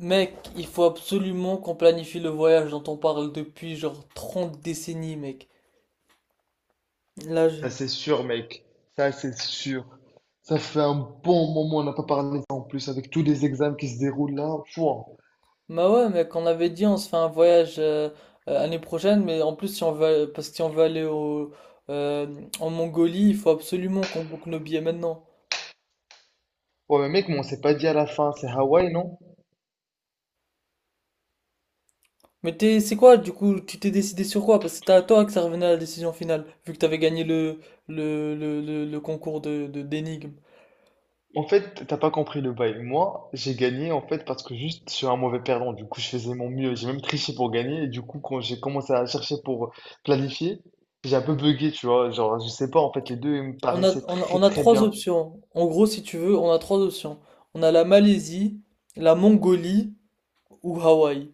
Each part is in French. Mec, il faut absolument qu'on planifie le voyage dont on parle depuis genre 30 décennies, mec. Là, je. Ça c'est sûr, mec. Ça c'est sûr. Ça fait un bon moment, on n'a pas parlé de ça en plus avec tous les examens qui se déroulent là. Pouah. Bah ouais, mec, on avait dit on se fait un voyage l'année prochaine, mais en plus, si on veut, parce que si on veut aller euh, en Mongolie, il faut absolument qu'on boucle nos billets maintenant. Ouais, mais mec, mais on s'est pas dit à la fin, c'est Hawaï, non? C'est quoi, du coup, tu t'es décidé sur quoi? Parce que c'était à toi que ça revenait à la décision finale, vu que t'avais gagné le concours d'énigmes. En fait, t'as pas compris le bail. Moi, j'ai gagné en fait parce que juste je suis un mauvais perdant. Du coup, je faisais mon mieux. J'ai même triché pour gagner. Et du coup, quand j'ai commencé à chercher pour planifier, j'ai un peu bugué, tu vois. Genre, je sais pas, en fait, les deux ils me On a, paraissaient on a- très on a très trois bien. options. En gros, si tu veux, on a trois options. On a la Malaisie, la Mongolie ou Hawaï.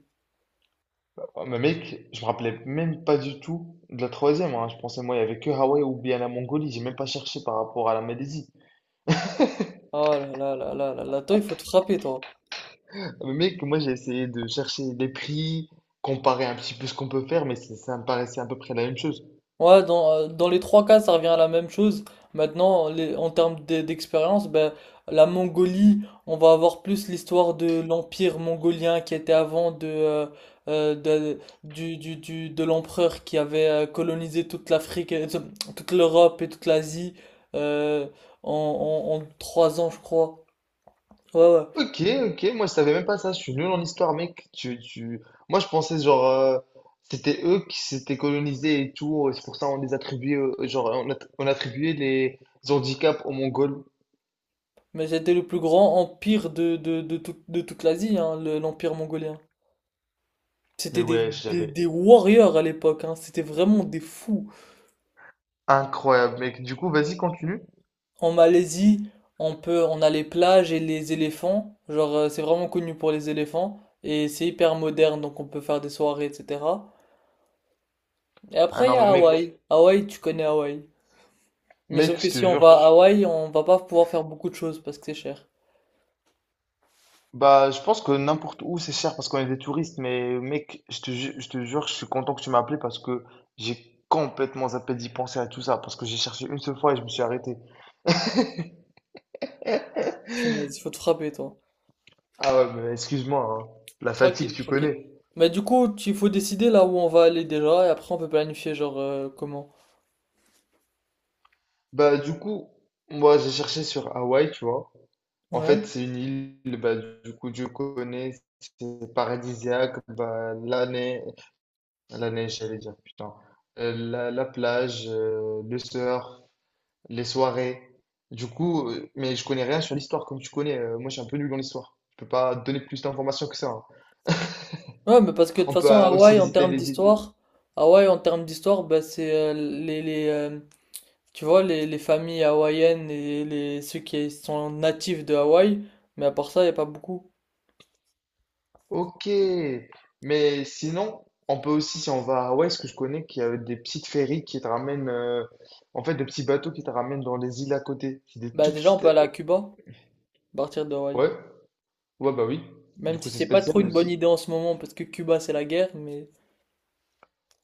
Ouais, mais mec, je me rappelais même pas du tout de la troisième, hein. Je pensais, moi, il y avait que Hawaï ou bien la Mongolie. J'ai même pas cherché par rapport à la Malaisie. Oh là là là là là là, toi, il faut te frapper, toi. Mais mec, moi, j'ai essayé de chercher les prix, comparer un petit peu ce qu'on peut faire, mais ça me paraissait à peu près la même chose. Ouais, dans les trois cas, ça revient à la même chose. Maintenant, en termes d'expérience, ben, la Mongolie, on va avoir plus l'histoire de l'empire mongolien qui était avant de, du- de l'empereur qui avait colonisé toute l'Afrique, toute l'Europe et toute l'Asie euh, en 3 ans, je crois. Ouais, ouais. Ok, ok, moi, je savais même pas ça. Je suis nul en histoire, mec. Moi, je pensais, genre, c'était eux qui s'étaient colonisés et tout. C'est pour ça on les attribuait, genre, on attribuait les handicaps aux Mongols. Mais c'était le plus grand empire de toute l'Asie, hein, l'empire mongolien. C'était Mais des, ouais, des, j'avais des warriors à l'époque, hein. C'était vraiment des fous. incroyable, mec. Du coup, vas-y, continue. En Malaisie, on a les plages et les éléphants. Genre, c'est vraiment connu pour les éléphants. Et c'est hyper moderne, donc on peut faire des soirées, etc. Et Ah après, il y non, a mais Hawaï. mec, Hawaï, tu connais Hawaï. Mais mec, sauf que je te si on jure que va à tu- Hawaï, on va pas pouvoir faire beaucoup de choses parce que c'est cher. Bah, je pense que n'importe où c'est cher parce qu'on est des touristes, mais mec, je te jure, je suis content que tu m'as appelé parce que j'ai complètement zappé d'y penser à tout ça parce que j'ai cherché une seule fois et je me suis arrêté. Punaise, faut te frapper, toi. Ah ouais, mais excuse-moi, hein, la fatigue, Tranquille, tu tranquille. connais. Mais du coup, il faut décider là où on va aller déjà, et après on peut planifier, genre, comment. Bah, du coup, moi j'ai cherché sur Hawaï, tu vois. En fait, Ouais. c'est une île, bah, du coup, Dieu connaît, c'est paradisiaque, bah, la neige, j'allais dire, putain. La, la plage, le surf, les soirées. Du coup, mais je connais rien sur l'histoire comme tu connais. Moi, je suis un peu nul dans l'histoire. Je peux pas donner plus d'informations que ça, hein. Ouais, mais parce que de toute On peut façon, aussi visiter les îles. Hawaï, en termes d'histoire, bah, c'est tu vois, les familles hawaïennes et ceux qui sont natifs de Hawaï, mais à part ça, il n'y a pas beaucoup. Ok. Mais sinon, on peut aussi, si on va à Hawaï, ce que je connais, qu'il y a des petites ferries qui te ramènent, en fait, des petits bateaux qui te ramènent dans les îles à côté. C'est des Bah, tout déjà, on petites. peut aller à Cuba, à partir de Hawaï. Ouais. Ouais, bah oui. Du Même coup, si c'est c'est pas trop spécial une bonne aussi. idée en ce moment, parce que Cuba, c'est la guerre, mais.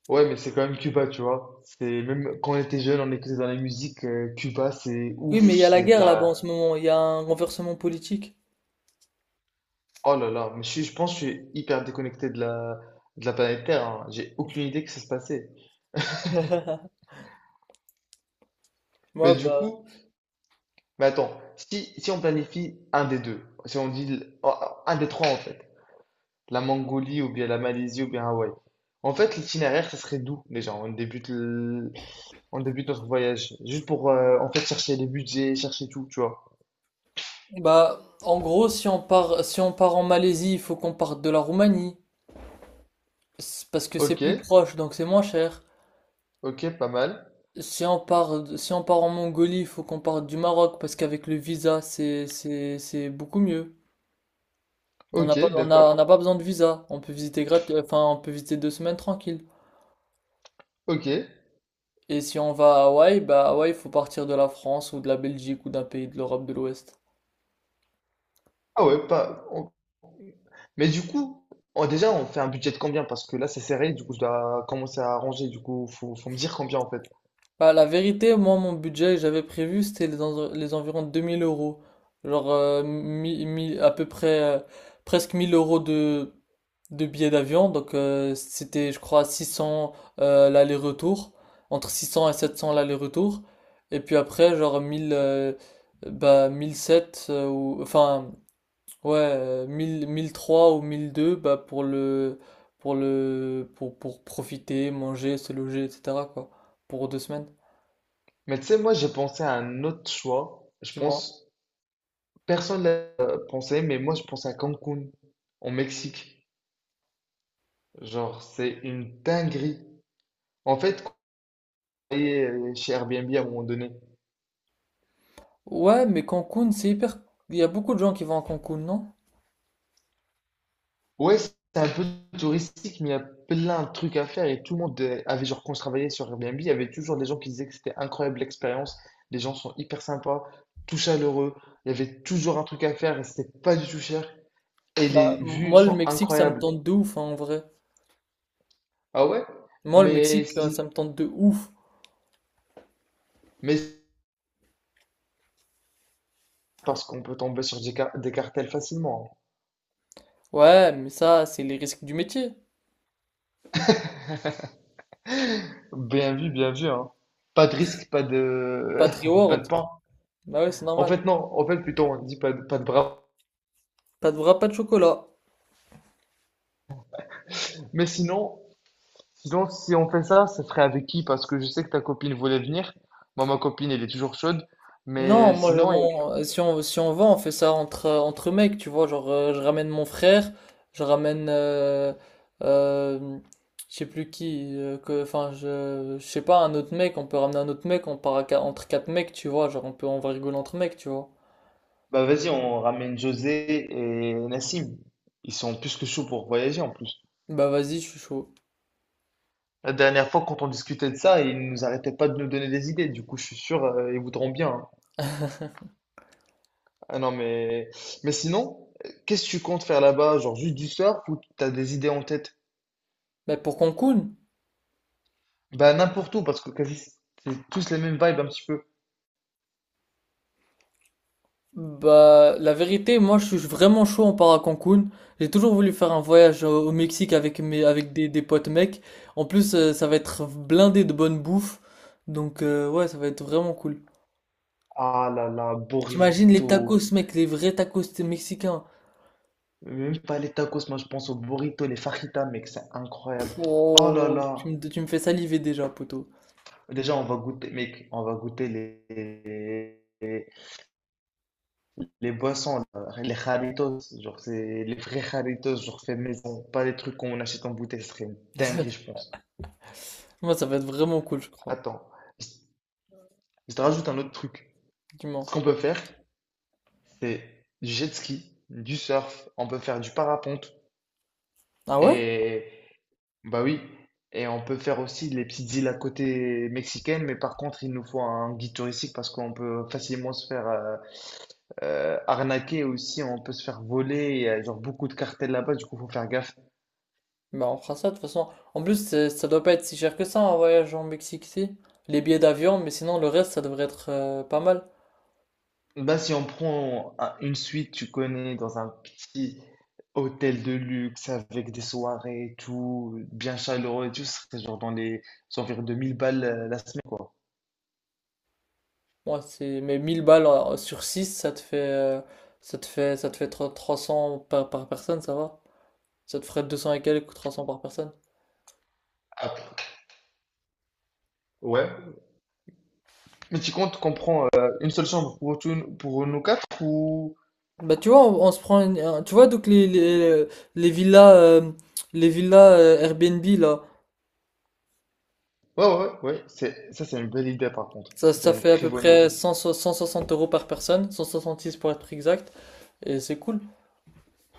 Ouais, mais c'est quand même Cuba, tu vois. C'est même quand on était jeune, on écoutait dans la musique, Cuba, c'est Oui, ouf. mais il y a la guerre là-bas en ce moment, il y a un renversement politique. Oh là là, mais je pense que je suis hyper déconnecté de la planète Terre, hein. J'ai aucune idée que ça se passait. Mais Ouais, du bah, coup, mais attends, si, si on planifie un des deux, si on dit le- oh, un des trois en fait, la Mongolie ou bien la Malaisie ou bien Hawaï, en fait l'itinéraire ça serait d'où déjà? On débute notre voyage juste pour en fait chercher les budgets, chercher tout, tu vois. bah, en gros, si on part en Malaisie, il faut qu'on parte de la Roumanie. C'est Parce que c'est Ok, plus proche, donc c'est moins cher. ok, pas mal. Si on part en Mongolie, il faut qu'on parte du Maroc, parce qu'avec le visa, c'est beaucoup mieux. On n'a Ok, pas, on a, on d'accord. n'a pas besoin de visa. On peut visiter grat- enfin, on peut visiter 2 semaines tranquille. Ok. Et si on va à Hawaï, bah Hawaï, il faut partir de la France ou de la Belgique ou d'un pays de l'Europe de l'Ouest. Ah ouais, pas. Mais du coup, déjà, on fait un budget de combien? Parce que là, c'est serré, du coup, je dois commencer à arranger, du coup, faut me dire combien en fait. Bah, la vérité, moi, mon budget, j'avais prévu, c'était les environs 2 000 euros. Genre, à peu près, presque 1 000 euros de billets d'avion. Donc, c'était, je crois, 600 l'aller-retour. Entre 600 et 700 l'aller-retour. Et puis après, genre 1000 bah, 1007, ou, enfin, ouais, mille trois ou 1002 bah, pour profiter, manger, se loger, etc., quoi. Pour 2 semaines, Mais tu sais, moi, j'ai pensé à un autre choix. Je du moins. pense, personne l'a pensé, mais moi, je pense à Cancun, au Mexique. Genre, c'est une dinguerie. En fait, quand on est chez Airbnb à un moment donné, Ouais, mais Cancun, c'est hyper. Il y a beaucoup de gens qui vont à Cancun, non? ouais, c'est un peu touristique, mais il y a plein de trucs à faire. Et tout le monde avait, genre, quand je travaillais sur Airbnb, il y avait toujours des gens qui disaient que c'était incroyable l'expérience. Les gens sont hyper sympas, tout chaleureux. Il y avait toujours un truc à faire et c'était pas du tout cher. Et les Bah, vues moi, le sont Mexique, ça me incroyables. tente de ouf, hein, en vrai. Ah ouais? Moi, le Mais Mexique, ça si, me tente de ouf. mais parce qu'on peut tomber sur des, des cartels facilement, Ouais, mais ça, c'est les risques du métier. hein. Bien vu, hein. Pas de risque, pas de, Pas de pas de reward. pain. Bah ouais, c'est En normal. fait, non. En fait, plutôt, on dit pas de bras. Pas de bras, pas de chocolat. Mais sinon, sinon, si on fait ça, ça serait avec qui? Parce que je sais que ta copine voulait venir. Moi, ma copine, elle est toujours chaude. Non, Mais moi, sinon, elle- si on va, on fait ça entre mecs, tu vois. Genre, je ramène mon frère, je ramène, euh, euh, je sais plus qui, enfin, je sais pas, un autre mec, on peut ramener un autre mec, on part entre quatre mecs, tu vois. Genre, on va rigoler entre mecs, tu vois. Bah vas-y, on ramène José et Nassim. Ils sont plus que chauds pour voyager en plus. Bah vas-y, je suis chaud. La dernière fois, quand on discutait de ça, ils nous arrêtaient pas de nous donner des idées. Du coup, je suis sûr, ils voudront bien, hein. Ah non, mais sinon, qu'est-ce que tu comptes faire là-bas? Genre juste du surf ou t'as des idées en tête? Mais pour Cancun? Bah n'importe où, parce que quasi c'est tous les mêmes vibes un petit peu. Bah, la vérité, moi, je suis vraiment chaud, on part à Cancun. J'ai toujours voulu faire un voyage au Mexique avec des potes mecs. En plus, ça va être blindé de bonne bouffe. Donc, ouais, ça va être vraiment cool. Ah là là, T'imagines les burrito. tacos, mec, les vrais tacos mexicains. Même pas les tacos, moi je pense aux burritos, les fajitas, mec, c'est Pff, incroyable. Oh là oh, tu là. me, tu me fais saliver déjà, poto. Déjà, on va goûter, mec, on va goûter les, les boissons, là, les jarritos, genre c'est les vrais jarritos, genre fait maison, pas les trucs qu'on achète en bouteille, ce serait une dinguerie, je pense. Moi, ça va être vraiment cool, je crois. Attends, je je te rajoute un autre truc. Dis-moi. Ce qu'on peut faire, c'est du jet ski, du surf, on peut faire du parapente. Ah ouais? Et bah oui, et on peut faire aussi les petites îles à côté mexicaines, mais par contre, il nous faut un guide touristique parce qu'on peut facilement se faire arnaquer aussi, on peut se faire voler, il y a genre beaucoup de cartels là-bas, du coup, faut faire gaffe. Bah, on fera ça, de toute façon. En plus, ça doit pas être si cher que ça, un voyage en Mexique, si. Les billets d'avion, mais sinon, le reste, ça devrait être pas mal. Bah si on prend une suite, tu connais, dans un petit hôtel de luxe avec des soirées et tout, bien chaleureux et tout, ce serait genre dans les environ 2000 balles la semaine, quoi. Ouais, c'est mais 1 000 balles sur 6 ça te fait 300 par personne, ça va? Ça te ferait 200 et quelques, 300 par personne. Ah, ouais. Mais tu comptes qu'on prend une seule chambre pour, pour nous quatre ou... Bah tu vois, on se prend tu vois donc les villas euh, les villas Airbnb là, Ouais, ouais, ouais, ouais. C'est, ça, c'est une belle idée, par contre. ça Ça, ça c'est une fait à très peu bonne près idée. 160 euros par personne, 166 pour être exact et c'est cool.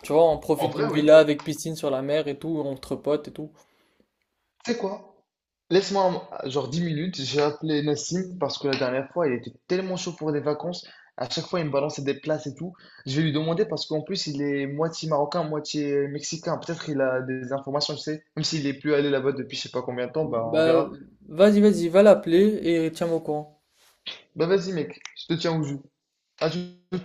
Tu vois, on En profite vrai, d'une oui. villa avec piscine sur la mer et tout, entre potes et tout. Tu sais quoi? Genre 10 minutes, j'ai appelé Nassim parce que la dernière fois, il était tellement chaud pour des vacances. À chaque fois, il me balançait des places et tout. Je vais lui demander parce qu'en plus, il est moitié marocain, moitié mexicain. Peut-être il a des informations, je sais. Même s'il est plus allé là-bas depuis je sais pas combien de temps, bah on Bah verra. vas-y, vas-y, va l'appeler et tiens-moi au courant. Bah vas-y, mec, je te tiens au jus. À tout.